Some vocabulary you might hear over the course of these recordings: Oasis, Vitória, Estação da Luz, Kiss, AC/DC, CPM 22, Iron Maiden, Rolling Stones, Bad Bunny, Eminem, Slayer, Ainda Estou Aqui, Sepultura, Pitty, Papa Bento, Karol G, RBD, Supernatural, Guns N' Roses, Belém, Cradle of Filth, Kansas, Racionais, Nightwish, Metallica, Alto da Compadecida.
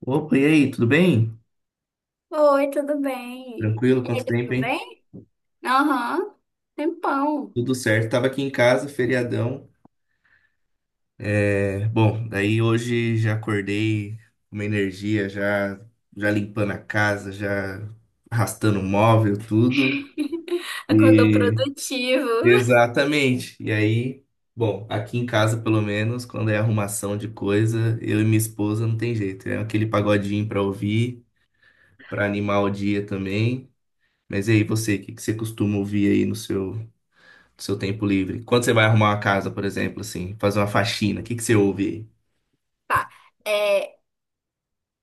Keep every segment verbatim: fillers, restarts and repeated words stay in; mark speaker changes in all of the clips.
Speaker 1: Opa, e aí, tudo bem?
Speaker 2: Oi, tudo bem?
Speaker 1: Tranquilo,
Speaker 2: E aí,
Speaker 1: quanto tempo,
Speaker 2: tudo
Speaker 1: hein?
Speaker 2: bem? Aham, tempão.
Speaker 1: Tudo certo. Tava aqui em casa, feriadão. É, bom, daí hoje já acordei com uma energia, já, já limpando a casa, já arrastando o móvel, tudo.
Speaker 2: Acordou
Speaker 1: E
Speaker 2: produtivo.
Speaker 1: exatamente. E aí, bom, aqui em casa, pelo menos, quando é arrumação de coisa, eu e minha esposa não tem jeito. É aquele pagodinho pra ouvir, pra animar o dia também. Mas e aí, você, o que que você costuma ouvir aí no seu seu tempo livre. Quando você vai arrumar uma casa, por exemplo, assim, fazer uma faxina, o que que você ouve aí?
Speaker 2: Tá, é,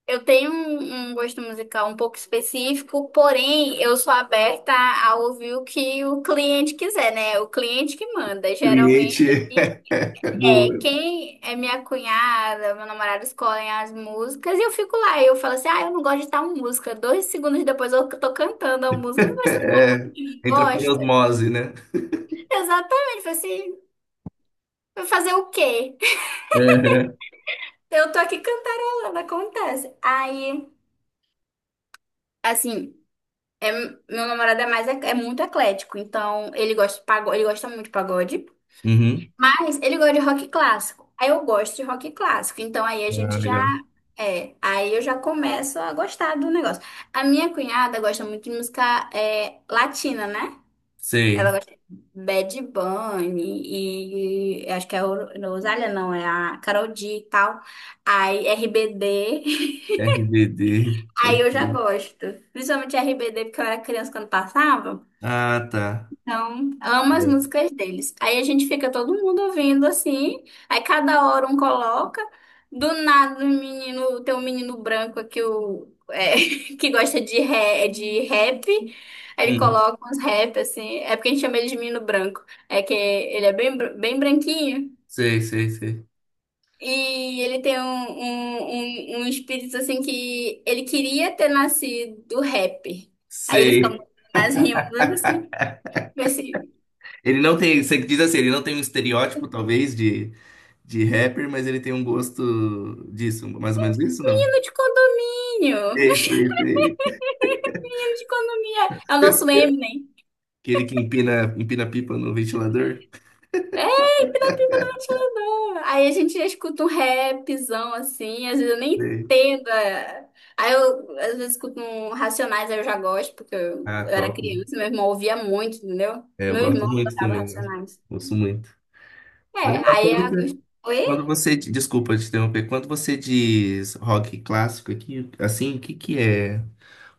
Speaker 2: eu tenho um, um gosto musical um pouco específico, porém, eu sou aberta a ouvir o que o cliente quiser, né? O cliente que manda. Geralmente,
Speaker 1: Cliente,
Speaker 2: ele
Speaker 1: é
Speaker 2: é
Speaker 1: boa.
Speaker 2: quem é minha cunhada, meu namorado escolhem as músicas e eu fico lá. E eu falo assim, ah, eu não gosto de tal música. Dois segundos depois eu tô cantando a música. Mas você
Speaker 1: É,
Speaker 2: não
Speaker 1: entra com
Speaker 2: gosta?
Speaker 1: osmose, né?
Speaker 2: Exatamente, falei assim, vai fazer o quê?
Speaker 1: É.
Speaker 2: Eu tô aqui cantarolando, acontece. Aí, assim, meu namorado é mais, é muito eclético, então ele gosta de pagode, ele gosta muito de pagode,
Speaker 1: Uhum.
Speaker 2: mas ele gosta de rock clássico. Aí eu gosto de rock clássico, então aí a
Speaker 1: Ah,
Speaker 2: gente já
Speaker 1: legal.
Speaker 2: é, aí eu já começo a gostar do negócio. A minha cunhada gosta muito de música é, latina, né? Ela
Speaker 1: Sei.
Speaker 2: gosta de Bad Bunny e acho que é a Oro- Rosália, não, é a Karol G e tal. Aí R B D.
Speaker 1: R B D.
Speaker 2: Aí
Speaker 1: Pode
Speaker 2: eu já
Speaker 1: ser.
Speaker 2: gosto. Principalmente R B D, porque eu era criança quando passava.
Speaker 1: Ah, tá.
Speaker 2: Então, amo as
Speaker 1: É.
Speaker 2: músicas deles. Aí a gente fica todo mundo ouvindo assim, aí cada hora um coloca. Do nada, o menino, tem um menino branco que, o, é, que gosta de, ré, de rap. Aí ele
Speaker 1: Uhum.
Speaker 2: coloca uns rap assim. É porque a gente chama ele de menino branco. É que ele é bem, br- bem branquinho.
Speaker 1: Sei, sei, sei.
Speaker 2: E ele tem um, um, um, um espírito assim que ele queria ter nascido rapper. Aí ele fica muito
Speaker 1: Sei.
Speaker 2: mais rindo assim. Vai ser.
Speaker 1: Ele não tem, você diz assim, ele não tem um estereótipo, talvez, de, de rapper, mas ele tem um gosto disso, mais ou menos isso, não?
Speaker 2: Menino de condomínio. Menino
Speaker 1: Sei, sei, sei.
Speaker 2: de condomínio. É o nosso Eminem.
Speaker 1: Aquele que empina, empina pipa no ventilador.
Speaker 2: É, pirapiba do ventilador. Aí a gente escuta um rapzão assim, às vezes eu nem
Speaker 1: Sei.
Speaker 2: entendo. é. Aí eu às vezes escuto um Racionais, aí eu já gosto, porque eu, eu
Speaker 1: Ah,
Speaker 2: era
Speaker 1: top.
Speaker 2: criança, meu irmão ouvia muito, entendeu?
Speaker 1: É, eu
Speaker 2: Meu
Speaker 1: gosto
Speaker 2: irmão
Speaker 1: muito
Speaker 2: tocava
Speaker 1: também, né?
Speaker 2: Racionais.
Speaker 1: Gosto muito.
Speaker 2: É,
Speaker 1: Mas é legal
Speaker 2: aí
Speaker 1: quando
Speaker 2: a...
Speaker 1: você,
Speaker 2: Oi?
Speaker 1: quando você. Desculpa te interromper. Quando você diz rock clássico aqui, assim, o que que é?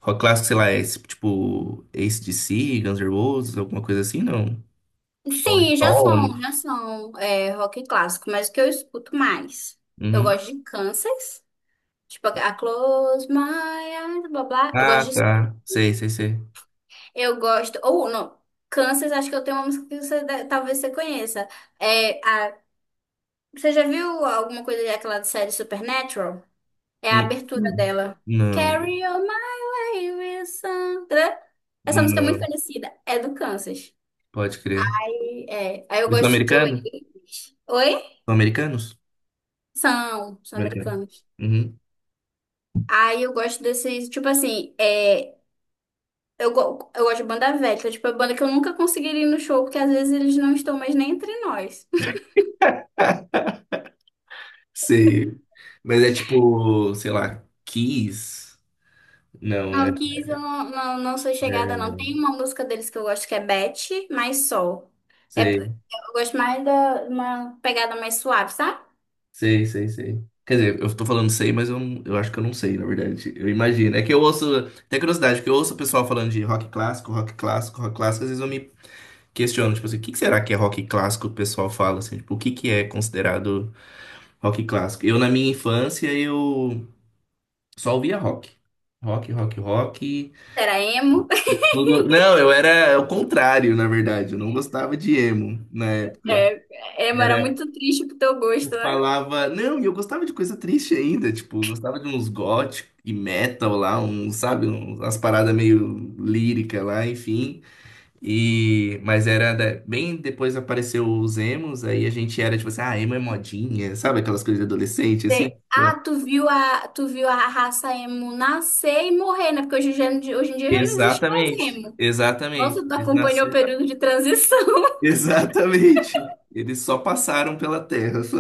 Speaker 1: Rock clássico, sei lá, é esse, tipo A C/D C, Guns N' Roses, alguma coisa assim, não? Rolling
Speaker 2: Sim, já
Speaker 1: Stones.
Speaker 2: são, já são é, rock clássico, mas o que eu escuto mais? Eu
Speaker 1: Uhum.
Speaker 2: gosto de Kansas. Tipo, a Close My Eyes, blá blá. Eu
Speaker 1: Ah,
Speaker 2: gosto de.
Speaker 1: tá. Sei, sei, sei.
Speaker 2: Eu gosto. Ou não. Kansas, acho que eu tenho uma música que você deve- talvez você conheça. É a. Você já viu alguma coisa daquela série Supernatural? É a
Speaker 1: Hum.
Speaker 2: abertura
Speaker 1: Hum.
Speaker 2: dela.
Speaker 1: Não,
Speaker 2: Carry on my wilson. Essa música é muito
Speaker 1: não.
Speaker 2: conhecida. É do Kansas.
Speaker 1: Pode crer.
Speaker 2: E é. Aí eu
Speaker 1: Eles são
Speaker 2: gosto de
Speaker 1: americanos?
Speaker 2: Oasis. Oi?
Speaker 1: São americanos?
Speaker 2: São, são
Speaker 1: Americanos.
Speaker 2: americanos.
Speaker 1: Uhum.
Speaker 2: Aí eu gosto desses, tipo assim, é. Eu, go- eu gosto de banda velha, que é tipo, a banda que eu nunca conseguiria ir no show, porque às vezes eles não estão mais nem entre nós.
Speaker 1: Sei. Mas é tipo, sei lá, Kiss? Não,
Speaker 2: Ah, o
Speaker 1: é.
Speaker 2: Kiss eu não, não, não sou chegada, não.
Speaker 1: É,
Speaker 2: Tem uma música deles que eu gosto que é Beth, mas Sol. É,
Speaker 1: sei,
Speaker 2: eu gosto mais da uma pegada mais suave, sabe?
Speaker 1: sei, sei, sei. Quer dizer, eu tô falando sei, mas eu, não- eu acho que eu não sei, na verdade. Eu imagino. É que eu ouço. Tem curiosidade, porque eu ouço o pessoal falando de rock clássico, rock clássico, rock clássico. Às vezes eu me questiono, tipo assim, o que que será que é rock clássico? O pessoal fala assim, tipo, o que que é considerado rock clássico? Eu, na minha infância, eu só ouvia rock. Rock, rock, rock.
Speaker 2: Era emo.
Speaker 1: Tudo- não, eu era é o contrário, na verdade. Eu não gostava de emo na época.
Speaker 2: É, emo era
Speaker 1: Era,
Speaker 2: muito triste pro teu
Speaker 1: eu
Speaker 2: gosto, né?
Speaker 1: falava, não, e eu gostava de coisa triste ainda, tipo, eu gostava de uns gothic e metal lá, um sabe, um umas paradas meio lírica lá, enfim. E, mas era da- bem depois apareceu os emos, aí a gente era tipo assim, ah, emo é modinha, sabe aquelas coisas de adolescente
Speaker 2: Tem-
Speaker 1: assim?
Speaker 2: Ah, tu viu a, tu viu a raça emo nascer e morrer, né? Porque hoje, em dia- hoje em dia já não existe mais
Speaker 1: Exatamente,
Speaker 2: emo.
Speaker 1: exatamente.
Speaker 2: Nossa, tu
Speaker 1: Eles
Speaker 2: acompanhou o
Speaker 1: nasceram.
Speaker 2: período de transição.
Speaker 1: Exatamente. Eles só passaram pela terra, só.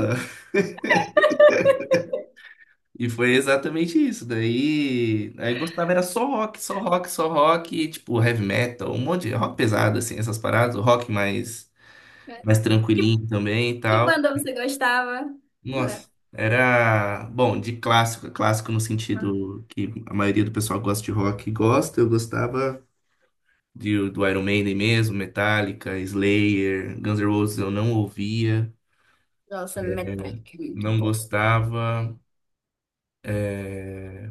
Speaker 1: E foi exatamente isso. Daí, aí gostava era só rock, só rock, só rock, e, tipo heavy metal, um monte de rock pesado assim, essas paradas, o rock mais mais tranquilinho também e
Speaker 2: Que
Speaker 1: tal.
Speaker 2: banda você gostava? Né?
Speaker 1: Nossa, era bom, de clássico, clássico no sentido que a maioria do pessoal gosta de rock, e gosta, eu gostava de, do Iron Maiden mesmo, Metallica, Slayer, Guns N' Roses eu não ouvia,
Speaker 2: Nossa, Metallica, é muito
Speaker 1: não
Speaker 2: bom.
Speaker 1: gostava.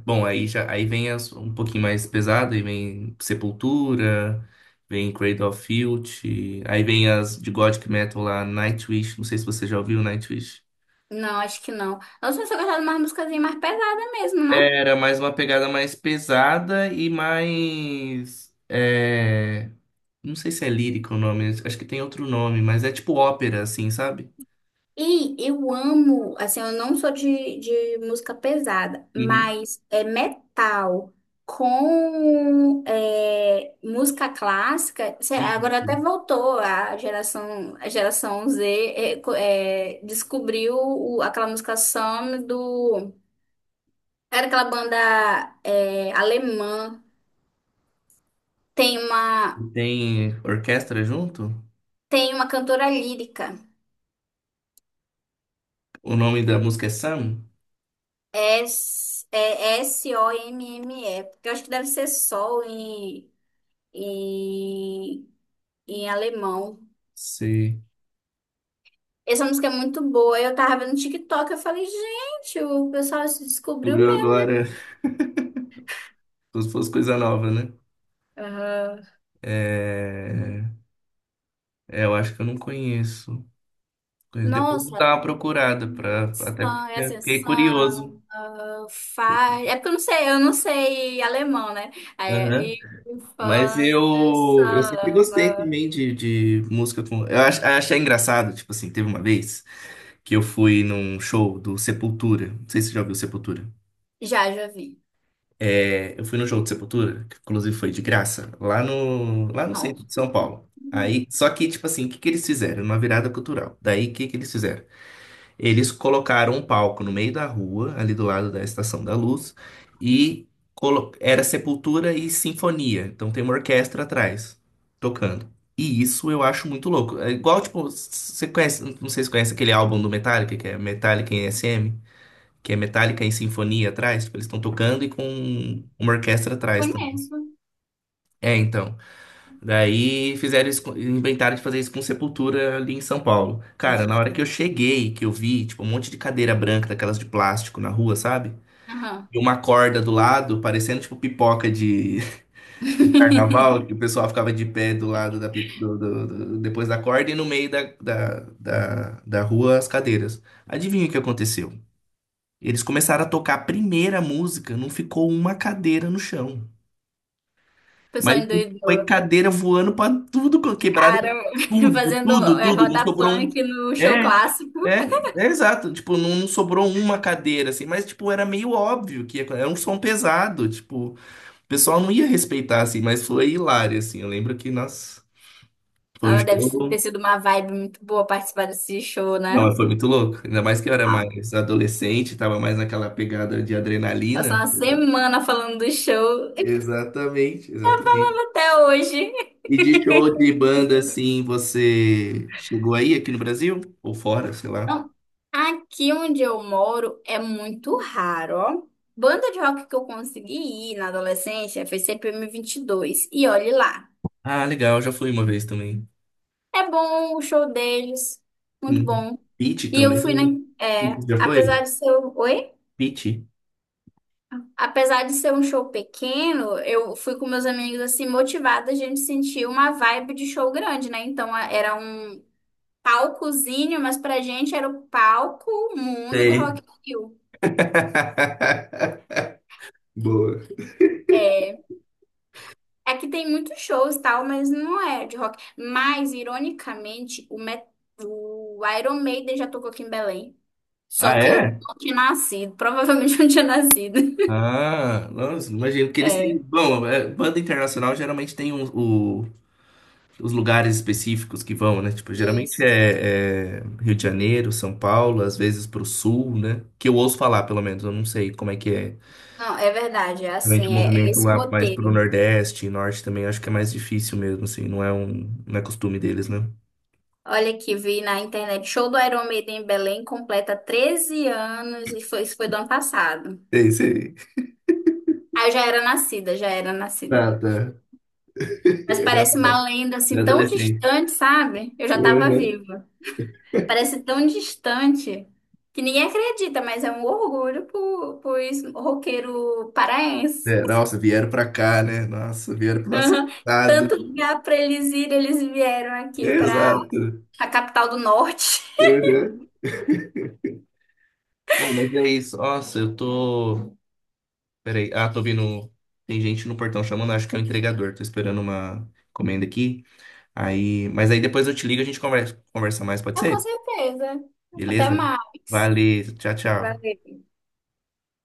Speaker 1: Bom, aí já aí vem as- um pouquinho mais pesado, aí vem Sepultura, vem Cradle of Filth, aí vem as de Gothic Metal lá, Nightwish, não sei se você já ouviu Nightwish.
Speaker 2: Não, acho que não. Nossa, mas eu gostava de umas musicazinhas mais pesadas mesmo, né?
Speaker 1: Era mais uma pegada mais pesada e mais. É, não sei se é lírico o nome, acho que tem outro nome, mas é tipo ópera, assim, sabe?
Speaker 2: E eu amo, assim, eu não sou de, de música pesada,
Speaker 1: Uhum.
Speaker 2: mas é metal com é, música clássica. Cê- Agora até
Speaker 1: Isso.
Speaker 2: voltou a geração, a geração Z é, co- é, descobriu o- aquela música Some do. Era aquela banda é, alemã. Tem
Speaker 1: E
Speaker 2: uma,
Speaker 1: tem orquestra junto?
Speaker 2: tem uma cantora lírica.
Speaker 1: O nome da música é Sam?
Speaker 2: é S, é S O M M E. Porque eu acho que deve ser Sol em, em, em alemão.
Speaker 1: Você
Speaker 2: Essa música é muito boa. Eu tava vendo no TikTok, eu falei, gente, o pessoal se descobriu
Speaker 1: descobriu
Speaker 2: mesmo.
Speaker 1: agora, como se fosse coisa nova, né?
Speaker 2: Aham.
Speaker 1: É, é, eu acho que eu não conheço. Conheço. Depois eu vou
Speaker 2: Nossa,
Speaker 1: dar uma procurada, pra, até
Speaker 2: são é
Speaker 1: porque
Speaker 2: assim,
Speaker 1: fiquei
Speaker 2: Sun,
Speaker 1: curioso.
Speaker 2: faz. É porque eu não sei, eu não sei alemão, né? É,
Speaker 1: Aham.
Speaker 2: e
Speaker 1: Mas
Speaker 2: Fun,
Speaker 1: eu, eu sempre
Speaker 2: Sun.
Speaker 1: gostei também de, de música com. Eu ach, achei engraçado, tipo assim, teve uma vez que eu fui num show do Sepultura. Não sei se você já ouviu Sepultura.
Speaker 2: Já, já vi.
Speaker 1: É, eu fui no show do Sepultura, que inclusive foi de graça, lá no, lá no
Speaker 2: Não,
Speaker 1: centro de São Paulo. Aí, só que, tipo assim, o que que eles fizeram? Uma virada cultural. Daí, o que que eles fizeram? Eles colocaram um palco no meio da rua, ali do lado da Estação da Luz, e colo- era sepultura e sinfonia. Então tem uma orquestra atrás, tocando. E isso eu acho muito louco. É igual, tipo, você conhece, não sei se conhece aquele álbum do Metallica, que é Metallica em S M, que é Metallica em sinfonia atrás, tipo, eles estão tocando e com uma orquestra atrás também.
Speaker 2: conheço.
Speaker 1: É, então. Daí fizeram isso, com- inventaram de fazer isso com Sepultura ali em São Paulo.
Speaker 2: Deve
Speaker 1: Cara,
Speaker 2: ter
Speaker 1: na hora que
Speaker 2: ficado.
Speaker 1: eu cheguei, que eu vi, tipo, um monte de cadeira branca, daquelas de plástico na rua, sabe?
Speaker 2: Aham.
Speaker 1: E uma corda do lado, parecendo tipo pipoca de carnaval, que o pessoal ficava de pé do lado da, pip- do, do- do- depois da corda e no meio da, da, da, da rua as cadeiras. Adivinha o que aconteceu? Eles começaram a tocar a primeira música, não ficou uma cadeira no chão.
Speaker 2: O pessoal
Speaker 1: Mas foi
Speaker 2: endoidou.
Speaker 1: cadeira voando pra tudo, co- quebrada,
Speaker 2: Cara,
Speaker 1: tudo,
Speaker 2: fazendo
Speaker 1: tudo,
Speaker 2: é,
Speaker 1: tudo. Não
Speaker 2: roda
Speaker 1: sobrou um.
Speaker 2: punk no show
Speaker 1: É,
Speaker 2: clássico.
Speaker 1: é, é exato. Tipo, não, não sobrou uma cadeira, assim. Mas, tipo, era meio óbvio que ia- era um som pesado. Tipo, o pessoal não ia respeitar, assim. Mas foi hilário, assim. Eu lembro que, nossa, foi um
Speaker 2: Ah, deve ter
Speaker 1: show.
Speaker 2: sido uma vibe muito boa participar desse show,
Speaker 1: Não,
Speaker 2: né?
Speaker 1: mas foi muito louco. Ainda mais que eu era
Speaker 2: Ah,
Speaker 1: mais adolescente, tava mais naquela pegada de adrenalina.
Speaker 2: passou uma semana falando do show e
Speaker 1: Exatamente, exatamente.
Speaker 2: até hoje.
Speaker 1: E de show de banda, assim, você chegou aí aqui no Brasil? Ou fora, sei lá.
Speaker 2: Não, aqui onde eu moro é muito raro, ó. Banda de rock que eu consegui ir na adolescência foi C P M vinte e dois. E dois. E olhe lá.
Speaker 1: Ah, legal, já fui uma vez também.
Speaker 2: É bom o show deles, muito
Speaker 1: Hum.
Speaker 2: bom.
Speaker 1: Pitty
Speaker 2: E eu fui na,
Speaker 1: também.
Speaker 2: é,
Speaker 1: Pitty, já foi?
Speaker 2: apesar de ser, um- oi?
Speaker 1: Pitty?
Speaker 2: Apesar de ser um show pequeno, eu fui com meus amigos assim motivada, a gente sentiu uma vibe de show grande, né? Então a- era um palcozinho, mas pra gente era o palco mundo do
Speaker 1: Tem.
Speaker 2: Rock in Rio.
Speaker 1: Boa.
Speaker 2: É, aqui tem muitos shows e tal, mas não é de rock. Mas ironicamente, o, Met- o Iron Maiden já tocou aqui em Belém. Só
Speaker 1: Ah,
Speaker 2: que eu
Speaker 1: é?
Speaker 2: não tinha nascido, provavelmente eu não tinha nascido.
Speaker 1: Ah, nossa, imagino que eles têm.
Speaker 2: É,
Speaker 1: Bom, é, banda internacional geralmente tem um- o- os lugares específicos que vão, né? Tipo, geralmente
Speaker 2: isso.
Speaker 1: é, é Rio de Janeiro, São Paulo, às vezes pro sul, né? Que eu ouço falar, pelo menos, eu não sei como é que é.
Speaker 2: Não, é verdade, é
Speaker 1: Realmente o
Speaker 2: assim, é
Speaker 1: movimento
Speaker 2: esse
Speaker 1: lá mais pro
Speaker 2: roteiro.
Speaker 1: Nordeste e Norte também acho que é mais difícil mesmo, assim, não é um, não é costume deles, né?
Speaker 2: Olha aqui, vi na internet, show do Iron Maiden em Belém completa treze anos e foi, isso foi do ano passado.
Speaker 1: Sei, sei.
Speaker 2: Ah, eu já era nascida, já era nascida.
Speaker 1: Tá, tá.
Speaker 2: Mas
Speaker 1: Era,
Speaker 2: parece uma lenda
Speaker 1: era
Speaker 2: assim tão
Speaker 1: adolescente.
Speaker 2: distante, sabe? Eu já tava
Speaker 1: Uhum.
Speaker 2: viva. Parece tão distante que ninguém acredita, mas é um orgulho pro, pros roqueiro paraense.
Speaker 1: É, nossa, vieram pra cá, né? Nossa, vieram pro nosso
Speaker 2: Aham.
Speaker 1: estado.
Speaker 2: Tanto lugar para eles irem, eles vieram aqui para
Speaker 1: Exato.
Speaker 2: a capital do norte.
Speaker 1: Uhum. Bom, mas é isso. Nossa, eu tô. Peraí. Ah, tô vindo. Tem gente no portão chamando, acho que é o entregador. Tô esperando uma encomenda aqui. Aí... mas aí depois eu te ligo e a gente conversa, conversa mais, pode
Speaker 2: Ah, com
Speaker 1: ser?
Speaker 2: certeza. Até
Speaker 1: Beleza?
Speaker 2: mais.
Speaker 1: Valeu, tchau, tchau.
Speaker 2: Valeu.